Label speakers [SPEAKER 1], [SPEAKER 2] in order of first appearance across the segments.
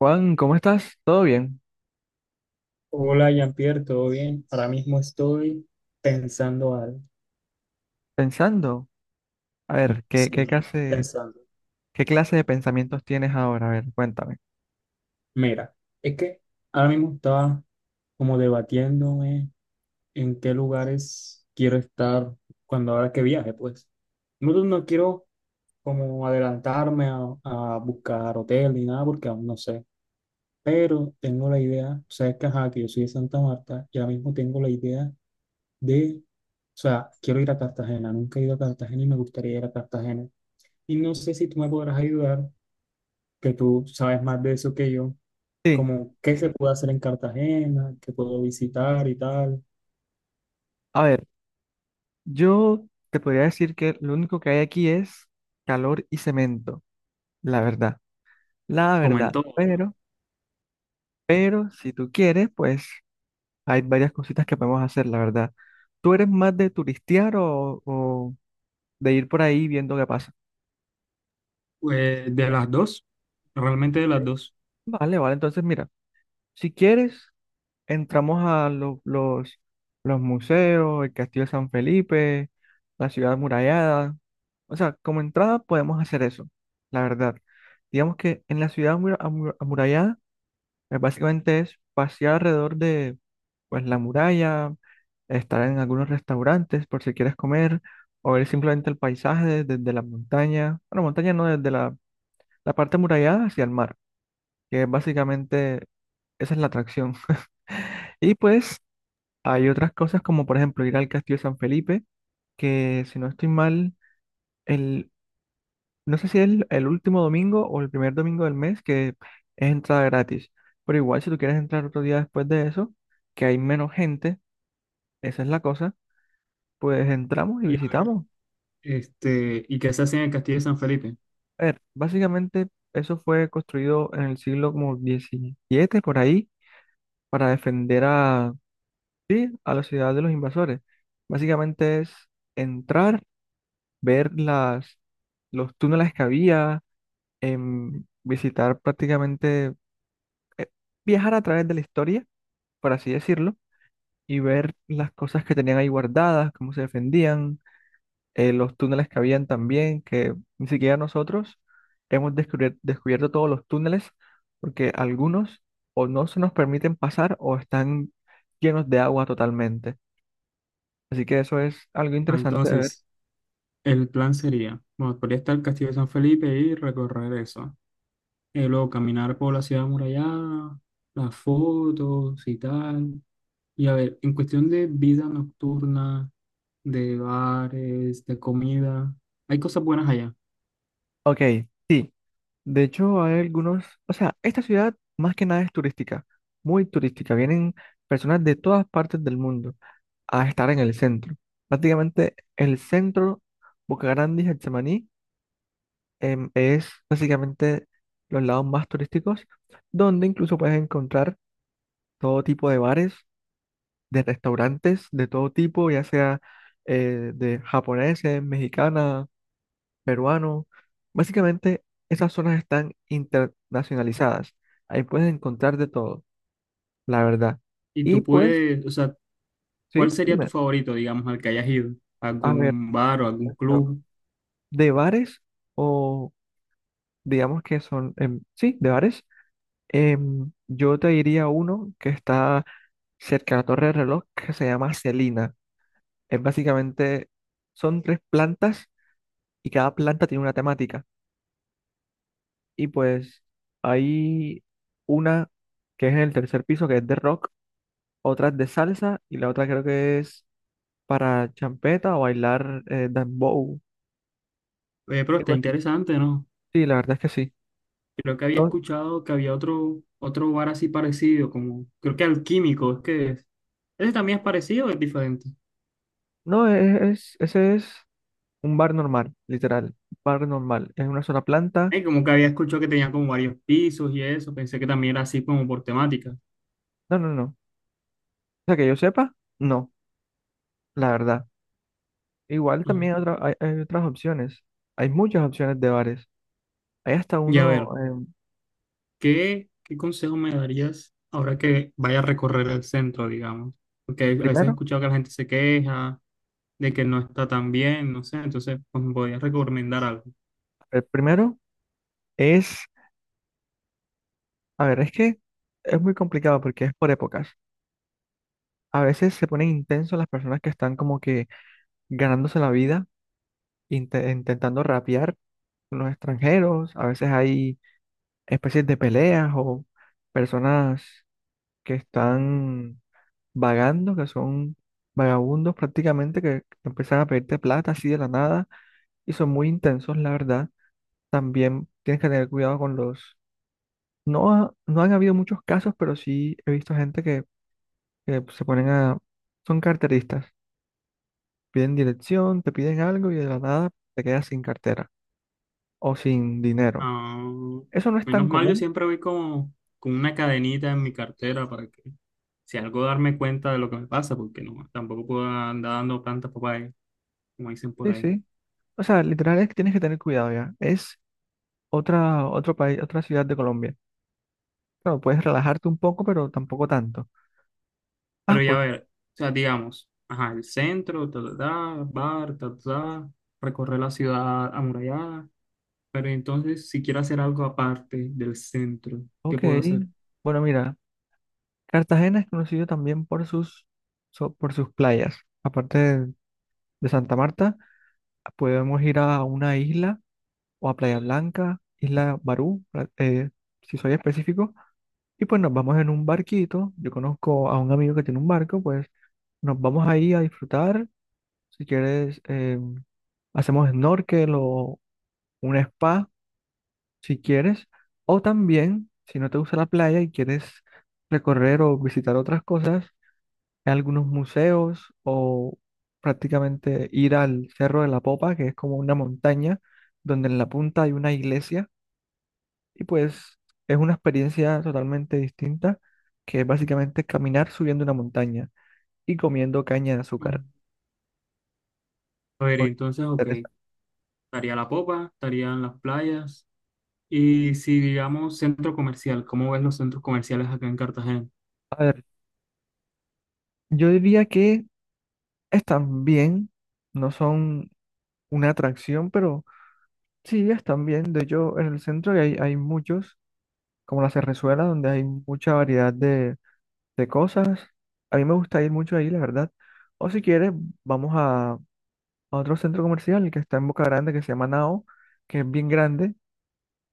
[SPEAKER 1] Juan, ¿cómo estás? ¿Todo bien?
[SPEAKER 2] Hola, Jean-Pierre, ¿todo bien? Ahora mismo estoy pensando algo.
[SPEAKER 1] Pensando. A ver, ¿qué,
[SPEAKER 2] Sí,
[SPEAKER 1] qué
[SPEAKER 2] no estoy
[SPEAKER 1] clase,
[SPEAKER 2] pensando.
[SPEAKER 1] qué clase de pensamientos tienes ahora? A ver, cuéntame.
[SPEAKER 2] Mira, es que ahora mismo estaba como debatiéndome en qué lugares quiero estar cuando ahora que viaje, pues. No quiero como adelantarme a buscar hotel ni nada porque aún no sé. Pero tengo la idea, o sea, es que ajá, que yo soy de Santa Marta y ahora mismo tengo la idea de, o sea, quiero ir a Cartagena. Nunca he ido a Cartagena y me gustaría ir a Cartagena. Y no sé si tú me podrás ayudar, que tú sabes más de eso que yo,
[SPEAKER 1] Sí,
[SPEAKER 2] como qué se puede hacer en Cartagena, qué puedo visitar y tal.
[SPEAKER 1] a ver, yo te podría decir que lo único que hay aquí es calor y cemento, la verdad, la
[SPEAKER 2] Como en
[SPEAKER 1] verdad.
[SPEAKER 2] todo,
[SPEAKER 1] Pero si tú quieres, pues hay varias cositas que podemos hacer, la verdad. ¿Tú eres más de turistear o de ir por ahí viendo qué pasa?
[SPEAKER 2] pues de las dos, realmente de las dos.
[SPEAKER 1] Vale, vale, entonces mira, si quieres, entramos a los museos, el Castillo de San Felipe, la ciudad amurallada. O sea, como entrada podemos hacer eso, la verdad. Digamos que en la ciudad amurallada, pues, básicamente es pasear alrededor de, pues, la muralla, estar en algunos restaurantes por si quieres comer, o ver simplemente el paisaje desde la montaña. Bueno, montaña no, desde la parte amurallada hacia el mar, que es básicamente esa es la atracción. Y pues hay otras cosas como por ejemplo ir al Castillo de San Felipe, que si no estoy mal, el, no sé si es el último domingo o el primer domingo del mes que es entrada gratis. Pero igual si tú quieres entrar otro día después de eso, que hay menos gente, esa es la cosa, pues entramos y
[SPEAKER 2] Y,
[SPEAKER 1] visitamos.
[SPEAKER 2] este, y que se hace en el Castillo de San Felipe.
[SPEAKER 1] A ver, básicamente eso fue construido en el siglo como XVII por ahí para defender sí, a la ciudad de los invasores. Básicamente es entrar, ver los túneles que había, visitar prácticamente, eh, viajar a través de la historia, por así decirlo, y ver las cosas que tenían ahí guardadas, cómo se defendían, los túneles que habían también, que ni siquiera nosotros hemos descubierto todos los túneles, porque algunos o no se nos permiten pasar o están llenos de agua totalmente. Así que eso es algo
[SPEAKER 2] Ah,
[SPEAKER 1] interesante de ver.
[SPEAKER 2] entonces, el plan sería, bueno, podría estar el Castillo de San Felipe y recorrer eso. Luego caminar por la ciudad amurallada, las fotos y tal. Y a ver, en cuestión de vida nocturna, de bares, de comida. Hay cosas buenas allá.
[SPEAKER 1] Ok. Sí. De hecho, hay algunos, o sea, esta ciudad más que nada es turística, muy turística. Vienen personas de todas partes del mundo a estar en el centro. Prácticamente el centro, Boca Grande y Getsemaní, es básicamente los lados más turísticos, donde incluso puedes encontrar todo tipo de bares, de restaurantes, de todo tipo, ya sea de japoneses, mexicanas, peruano. Básicamente, esas zonas están internacionalizadas. Ahí puedes encontrar de todo, la verdad.
[SPEAKER 2] Y
[SPEAKER 1] Y
[SPEAKER 2] tú
[SPEAKER 1] pues,
[SPEAKER 2] puedes, o sea, ¿cuál
[SPEAKER 1] sí,
[SPEAKER 2] sería tu
[SPEAKER 1] dime,
[SPEAKER 2] favorito, digamos, al que hayas ido?
[SPEAKER 1] a ver,
[SPEAKER 2] ¿Algún bar o algún club?
[SPEAKER 1] de bares o digamos que son, sí, de bares, yo te diría uno que está cerca de la Torre del Reloj que se llama Celina. Es básicamente, son tres plantas y cada planta tiene una temática. Y pues hay una que es en el tercer piso, que es de rock, otra es de salsa y la otra creo que es para champeta o bailar dembow,
[SPEAKER 2] Pero está
[SPEAKER 1] algo así.
[SPEAKER 2] interesante, ¿no?
[SPEAKER 1] Sí, la verdad es que sí.
[SPEAKER 2] Creo que había
[SPEAKER 1] No,
[SPEAKER 2] escuchado que había otro bar así parecido, como, creo que Alquímico, es que es. ¿Ese también es parecido o es diferente?
[SPEAKER 1] no es, ese es un bar normal, literal, bar normal. Es una sola planta.
[SPEAKER 2] Como que había escuchado que tenía como varios pisos y eso, pensé que también era así como por temática.
[SPEAKER 1] No, no, no. O sea, que yo sepa, no, la verdad. Igual
[SPEAKER 2] Ujú.
[SPEAKER 1] también hay otras opciones. Hay muchas opciones de bares. Hay hasta
[SPEAKER 2] Y a
[SPEAKER 1] uno,
[SPEAKER 2] ver.
[SPEAKER 1] eh,
[SPEAKER 2] ¿Qué consejo me darías ahora que vaya a recorrer el centro, digamos? Porque
[SPEAKER 1] el
[SPEAKER 2] a veces he
[SPEAKER 1] primero,
[SPEAKER 2] escuchado que la gente se queja de que no está tan bien, no sé, entonces pues, me podrías recomendar algo.
[SPEAKER 1] el primero es, a ver, es que es muy complicado porque es por épocas. A veces se ponen intensos las personas que están como que ganándose la vida, intentando rapear con los extranjeros. A veces hay especies de peleas o personas que están vagando, que son vagabundos prácticamente, que empiezan a pedirte plata así de la nada y son muy intensos, la verdad. También tienes que tener cuidado con los... No, no han habido muchos casos, pero sí he visto gente que se ponen a... Son carteristas. Piden dirección, te piden algo y de la nada te quedas sin cartera o sin dinero.
[SPEAKER 2] Ah,
[SPEAKER 1] Eso no es
[SPEAKER 2] menos
[SPEAKER 1] tan
[SPEAKER 2] mal, yo
[SPEAKER 1] común,
[SPEAKER 2] siempre voy como con una cadenita en mi cartera para que si algo darme cuenta de lo que me pasa, porque no, tampoco puedo andar dando plantas papaya, como dicen por
[SPEAKER 1] sí,
[SPEAKER 2] ahí.
[SPEAKER 1] sí. O sea, literal es que tienes que tener cuidado ya. Es otro país, otra ciudad de Colombia. Claro, puedes relajarte un poco, pero tampoco tanto. Ah,
[SPEAKER 2] Pero ya
[SPEAKER 1] pues,
[SPEAKER 2] ver, o sea, digamos, ajá, el centro, ta, ta, ta, bar, ta, ta, ta, recorrer la ciudad amurallada. Pero entonces, si quiero hacer algo aparte del centro, ¿qué
[SPEAKER 1] ok.
[SPEAKER 2] puedo hacer?
[SPEAKER 1] Bueno, mira, Cartagena es conocido también por sus playas. Aparte de Santa Marta, podemos ir a una isla o a Playa Blanca, Isla Barú, si soy específico. Y pues nos vamos en un barquito. Yo conozco a un amigo que tiene un barco, pues nos vamos ahí a disfrutar. Si quieres, hacemos snorkel o un spa, si quieres. O también, si no te gusta la playa y quieres recorrer o visitar otras cosas, algunos museos o prácticamente ir al Cerro de la Popa, que es como una montaña donde en la punta hay una iglesia. Y pues es una experiencia totalmente distinta, que es básicamente caminar subiendo una montaña y comiendo caña de
[SPEAKER 2] Mm.
[SPEAKER 1] azúcar.
[SPEAKER 2] A ver,
[SPEAKER 1] Por-
[SPEAKER 2] entonces, ok, estaría la popa, estarían las playas. Y si digamos centro comercial, ¿cómo ves los centros comerciales acá en Cartagena?
[SPEAKER 1] A ver, yo diría que están bien, no son una atracción, pero sí están bien. De hecho, en el centro hay muchos, como la Cerrezuela, donde hay mucha variedad de cosas. A mí me gusta ir mucho ahí, la verdad. O si quieres, vamos a otro centro comercial que está en Boca Grande, que se llama Nao, que es bien grande.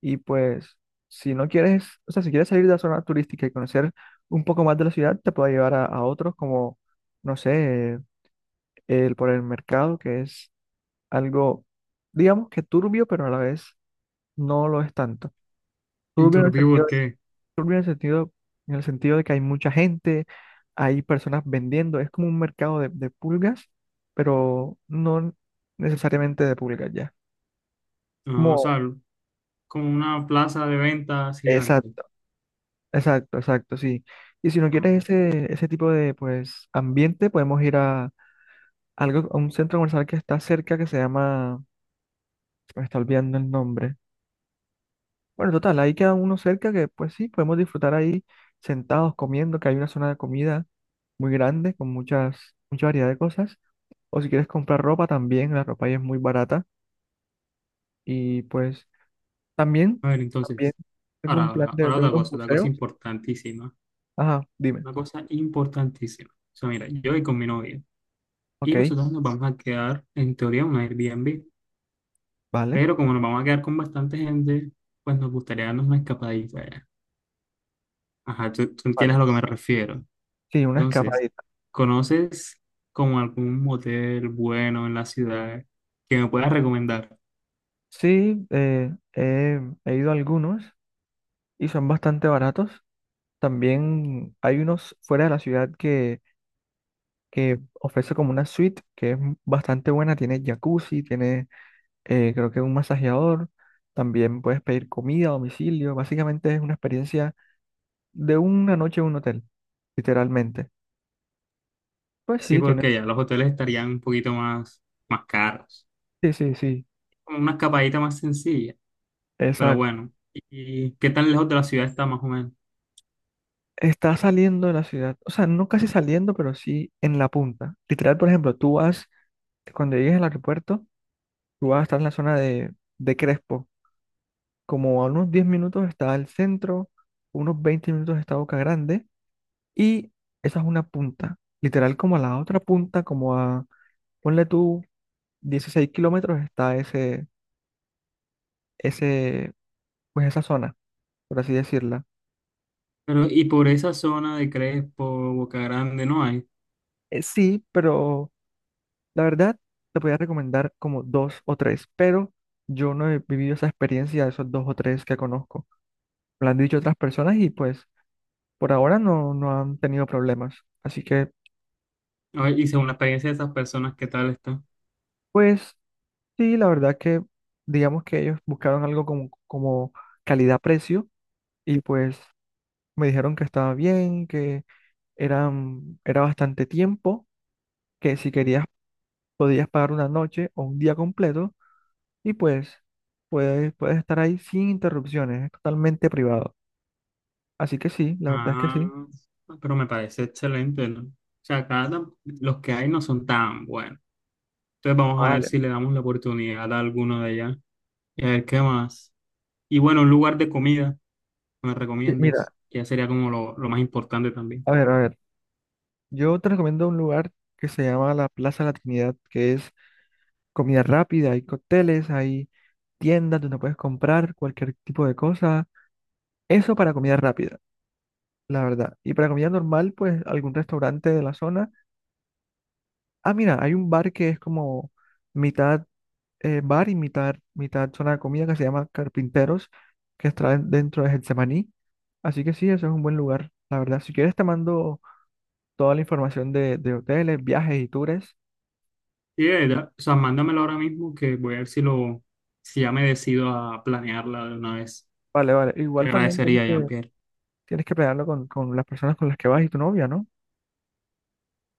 [SPEAKER 1] Y pues, si no quieres, o sea, si quieres salir de la zona turística y conocer un poco más de la ciudad, te puedo llevar a otros, como, no sé, por el mercado, que es algo, digamos que turbio, pero a la vez no lo es tanto.
[SPEAKER 2] ¿Y
[SPEAKER 1] Turbio en el
[SPEAKER 2] Turbí por
[SPEAKER 1] sentido de,
[SPEAKER 2] qué?
[SPEAKER 1] turbio en el sentido de que hay mucha gente, hay personas vendiendo, es como un mercado de pulgas, pero no necesariamente de pulgas ya.
[SPEAKER 2] Ah, o
[SPEAKER 1] Como,
[SPEAKER 2] sea, como una plaza de ventas gigante.
[SPEAKER 1] exacto, exacto, exacto, sí. Y si no quieres
[SPEAKER 2] Ajá.
[SPEAKER 1] ese tipo de pues ambiente, podemos ir a a un centro comercial que está cerca que se llama, se me está olvidando el nombre. Bueno, total, ahí queda uno cerca que pues sí, podemos disfrutar ahí sentados comiendo, que hay una zona de comida muy grande con mucha variedad de cosas. O si quieres comprar ropa también, la ropa ahí es muy barata. Y pues también,
[SPEAKER 2] A ver,
[SPEAKER 1] también
[SPEAKER 2] entonces,
[SPEAKER 1] tengo
[SPEAKER 2] ahora,
[SPEAKER 1] un plan
[SPEAKER 2] ahora,
[SPEAKER 1] de,
[SPEAKER 2] ahora
[SPEAKER 1] de unos
[SPEAKER 2] otra cosa
[SPEAKER 1] museos.
[SPEAKER 2] importantísima.
[SPEAKER 1] Ajá, dime.
[SPEAKER 2] Una cosa importantísima. O sea, mira, yo voy con mi novia y
[SPEAKER 1] Ok,
[SPEAKER 2] nosotros nos vamos a quedar, en teoría, en un Airbnb.
[SPEAKER 1] vale,
[SPEAKER 2] Pero como nos vamos a quedar con bastante gente, pues nos gustaría darnos una escapadita allá. Ajá, tú entiendes a
[SPEAKER 1] vale.
[SPEAKER 2] lo que me refiero.
[SPEAKER 1] Sí, una
[SPEAKER 2] Entonces,
[SPEAKER 1] escapadita.
[SPEAKER 2] ¿conoces como algún motel bueno en la ciudad que me puedas recomendar?
[SPEAKER 1] Sí, he ido a algunos y son bastante baratos. También hay unos fuera de la ciudad que ofrece como una suite que es bastante buena, tiene jacuzzi, tiene creo que un masajeador, también puedes pedir comida a domicilio, básicamente es una experiencia de una noche en un hotel, literalmente. Pues
[SPEAKER 2] Sí,
[SPEAKER 1] sí, tiene,
[SPEAKER 2] porque ya los hoteles estarían un poquito más, más caros.
[SPEAKER 1] sí, sí, sí,
[SPEAKER 2] Como una escapadita más sencilla, pero
[SPEAKER 1] exacto.
[SPEAKER 2] bueno. ¿Y qué tan lejos de la ciudad está más o menos?
[SPEAKER 1] Está saliendo de la ciudad, o sea, no casi saliendo, pero sí en la punta. Literal, por ejemplo, tú vas, cuando llegues al aeropuerto, tú vas a estar en la zona de Crespo, como a unos 10 minutos está el centro, unos 20 minutos está Boca Grande. Y esa es una punta. Literal, como a la otra punta, como a, ponle tú, 16 kilómetros está ese, pues esa zona, por así decirla.
[SPEAKER 2] Pero, y por esa zona de Crespo, Boca Grande, no hay.
[SPEAKER 1] Sí, pero la verdad, te podría recomendar como dos o tres, pero yo no he vivido esa experiencia de esos dos o tres que conozco. Me lo han dicho otras personas y pues por ahora no, no han tenido problemas. Así que,
[SPEAKER 2] A ver, y según la experiencia de esas personas, ¿qué tal está?
[SPEAKER 1] pues sí, la verdad que digamos que ellos buscaron algo como calidad-precio y pues me dijeron que estaba bien, que era bastante tiempo, que si querías podías pagar una noche o un día completo y pues puedes estar ahí sin interrupciones, es totalmente privado. Así que sí, la verdad es que sí.
[SPEAKER 2] Ah, pero me parece excelente, ¿no? O sea, acá tam- los que hay no son tan buenos. Entonces
[SPEAKER 1] Ah,
[SPEAKER 2] vamos a ver
[SPEAKER 1] vale.
[SPEAKER 2] si le damos la oportunidad a alguno de allá y a ver qué más. Y bueno, un lugar de comida que me
[SPEAKER 1] Sí,
[SPEAKER 2] recomiendes,
[SPEAKER 1] mira,
[SPEAKER 2] que ya sería como lo más importante también.
[SPEAKER 1] a ver, yo te recomiendo un lugar que se llama la Plaza La Trinidad, que es comida rápida, hay cócteles, hay tiendas donde puedes comprar cualquier tipo de cosa. Eso para comida rápida, la verdad. Y para comida normal, pues algún restaurante de la zona. Ah, mira, hay un bar que es como mitad bar y mitad zona de comida que se llama Carpinteros, que está dentro de Getsemaní. Así que sí, eso es un buen lugar, la verdad. Si quieres te mando toda la información de hoteles, viajes y tours.
[SPEAKER 2] Y de verdad, o sea, mándamelo ahora mismo que voy a ver si lo, si ya me decido a planearla de una vez.
[SPEAKER 1] Vale, vale.
[SPEAKER 2] Te
[SPEAKER 1] Igual también tienes
[SPEAKER 2] agradecería,
[SPEAKER 1] que,
[SPEAKER 2] Jean-Pierre.
[SPEAKER 1] tienes que planearlo con las personas con las que vas y tu novia, ¿no?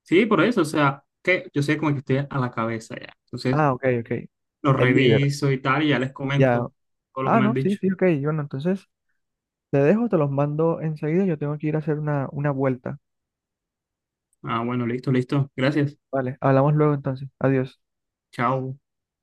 [SPEAKER 2] Sí, por eso, o sea, que yo sé como que estoy a la cabeza ya. Entonces,
[SPEAKER 1] Ah, ok, ok.
[SPEAKER 2] lo
[SPEAKER 1] El líder,
[SPEAKER 2] reviso y tal y ya les
[SPEAKER 1] ya.
[SPEAKER 2] comento todo lo que
[SPEAKER 1] Ah,
[SPEAKER 2] me has
[SPEAKER 1] no, sí,
[SPEAKER 2] dicho.
[SPEAKER 1] sí, ok. Bueno, entonces te dejo, te los mando enseguida. Yo tengo que ir a hacer una vuelta.
[SPEAKER 2] Ah, bueno, listo, listo. Gracias.
[SPEAKER 1] Vale, hablamos luego entonces. Adiós.
[SPEAKER 2] Chao.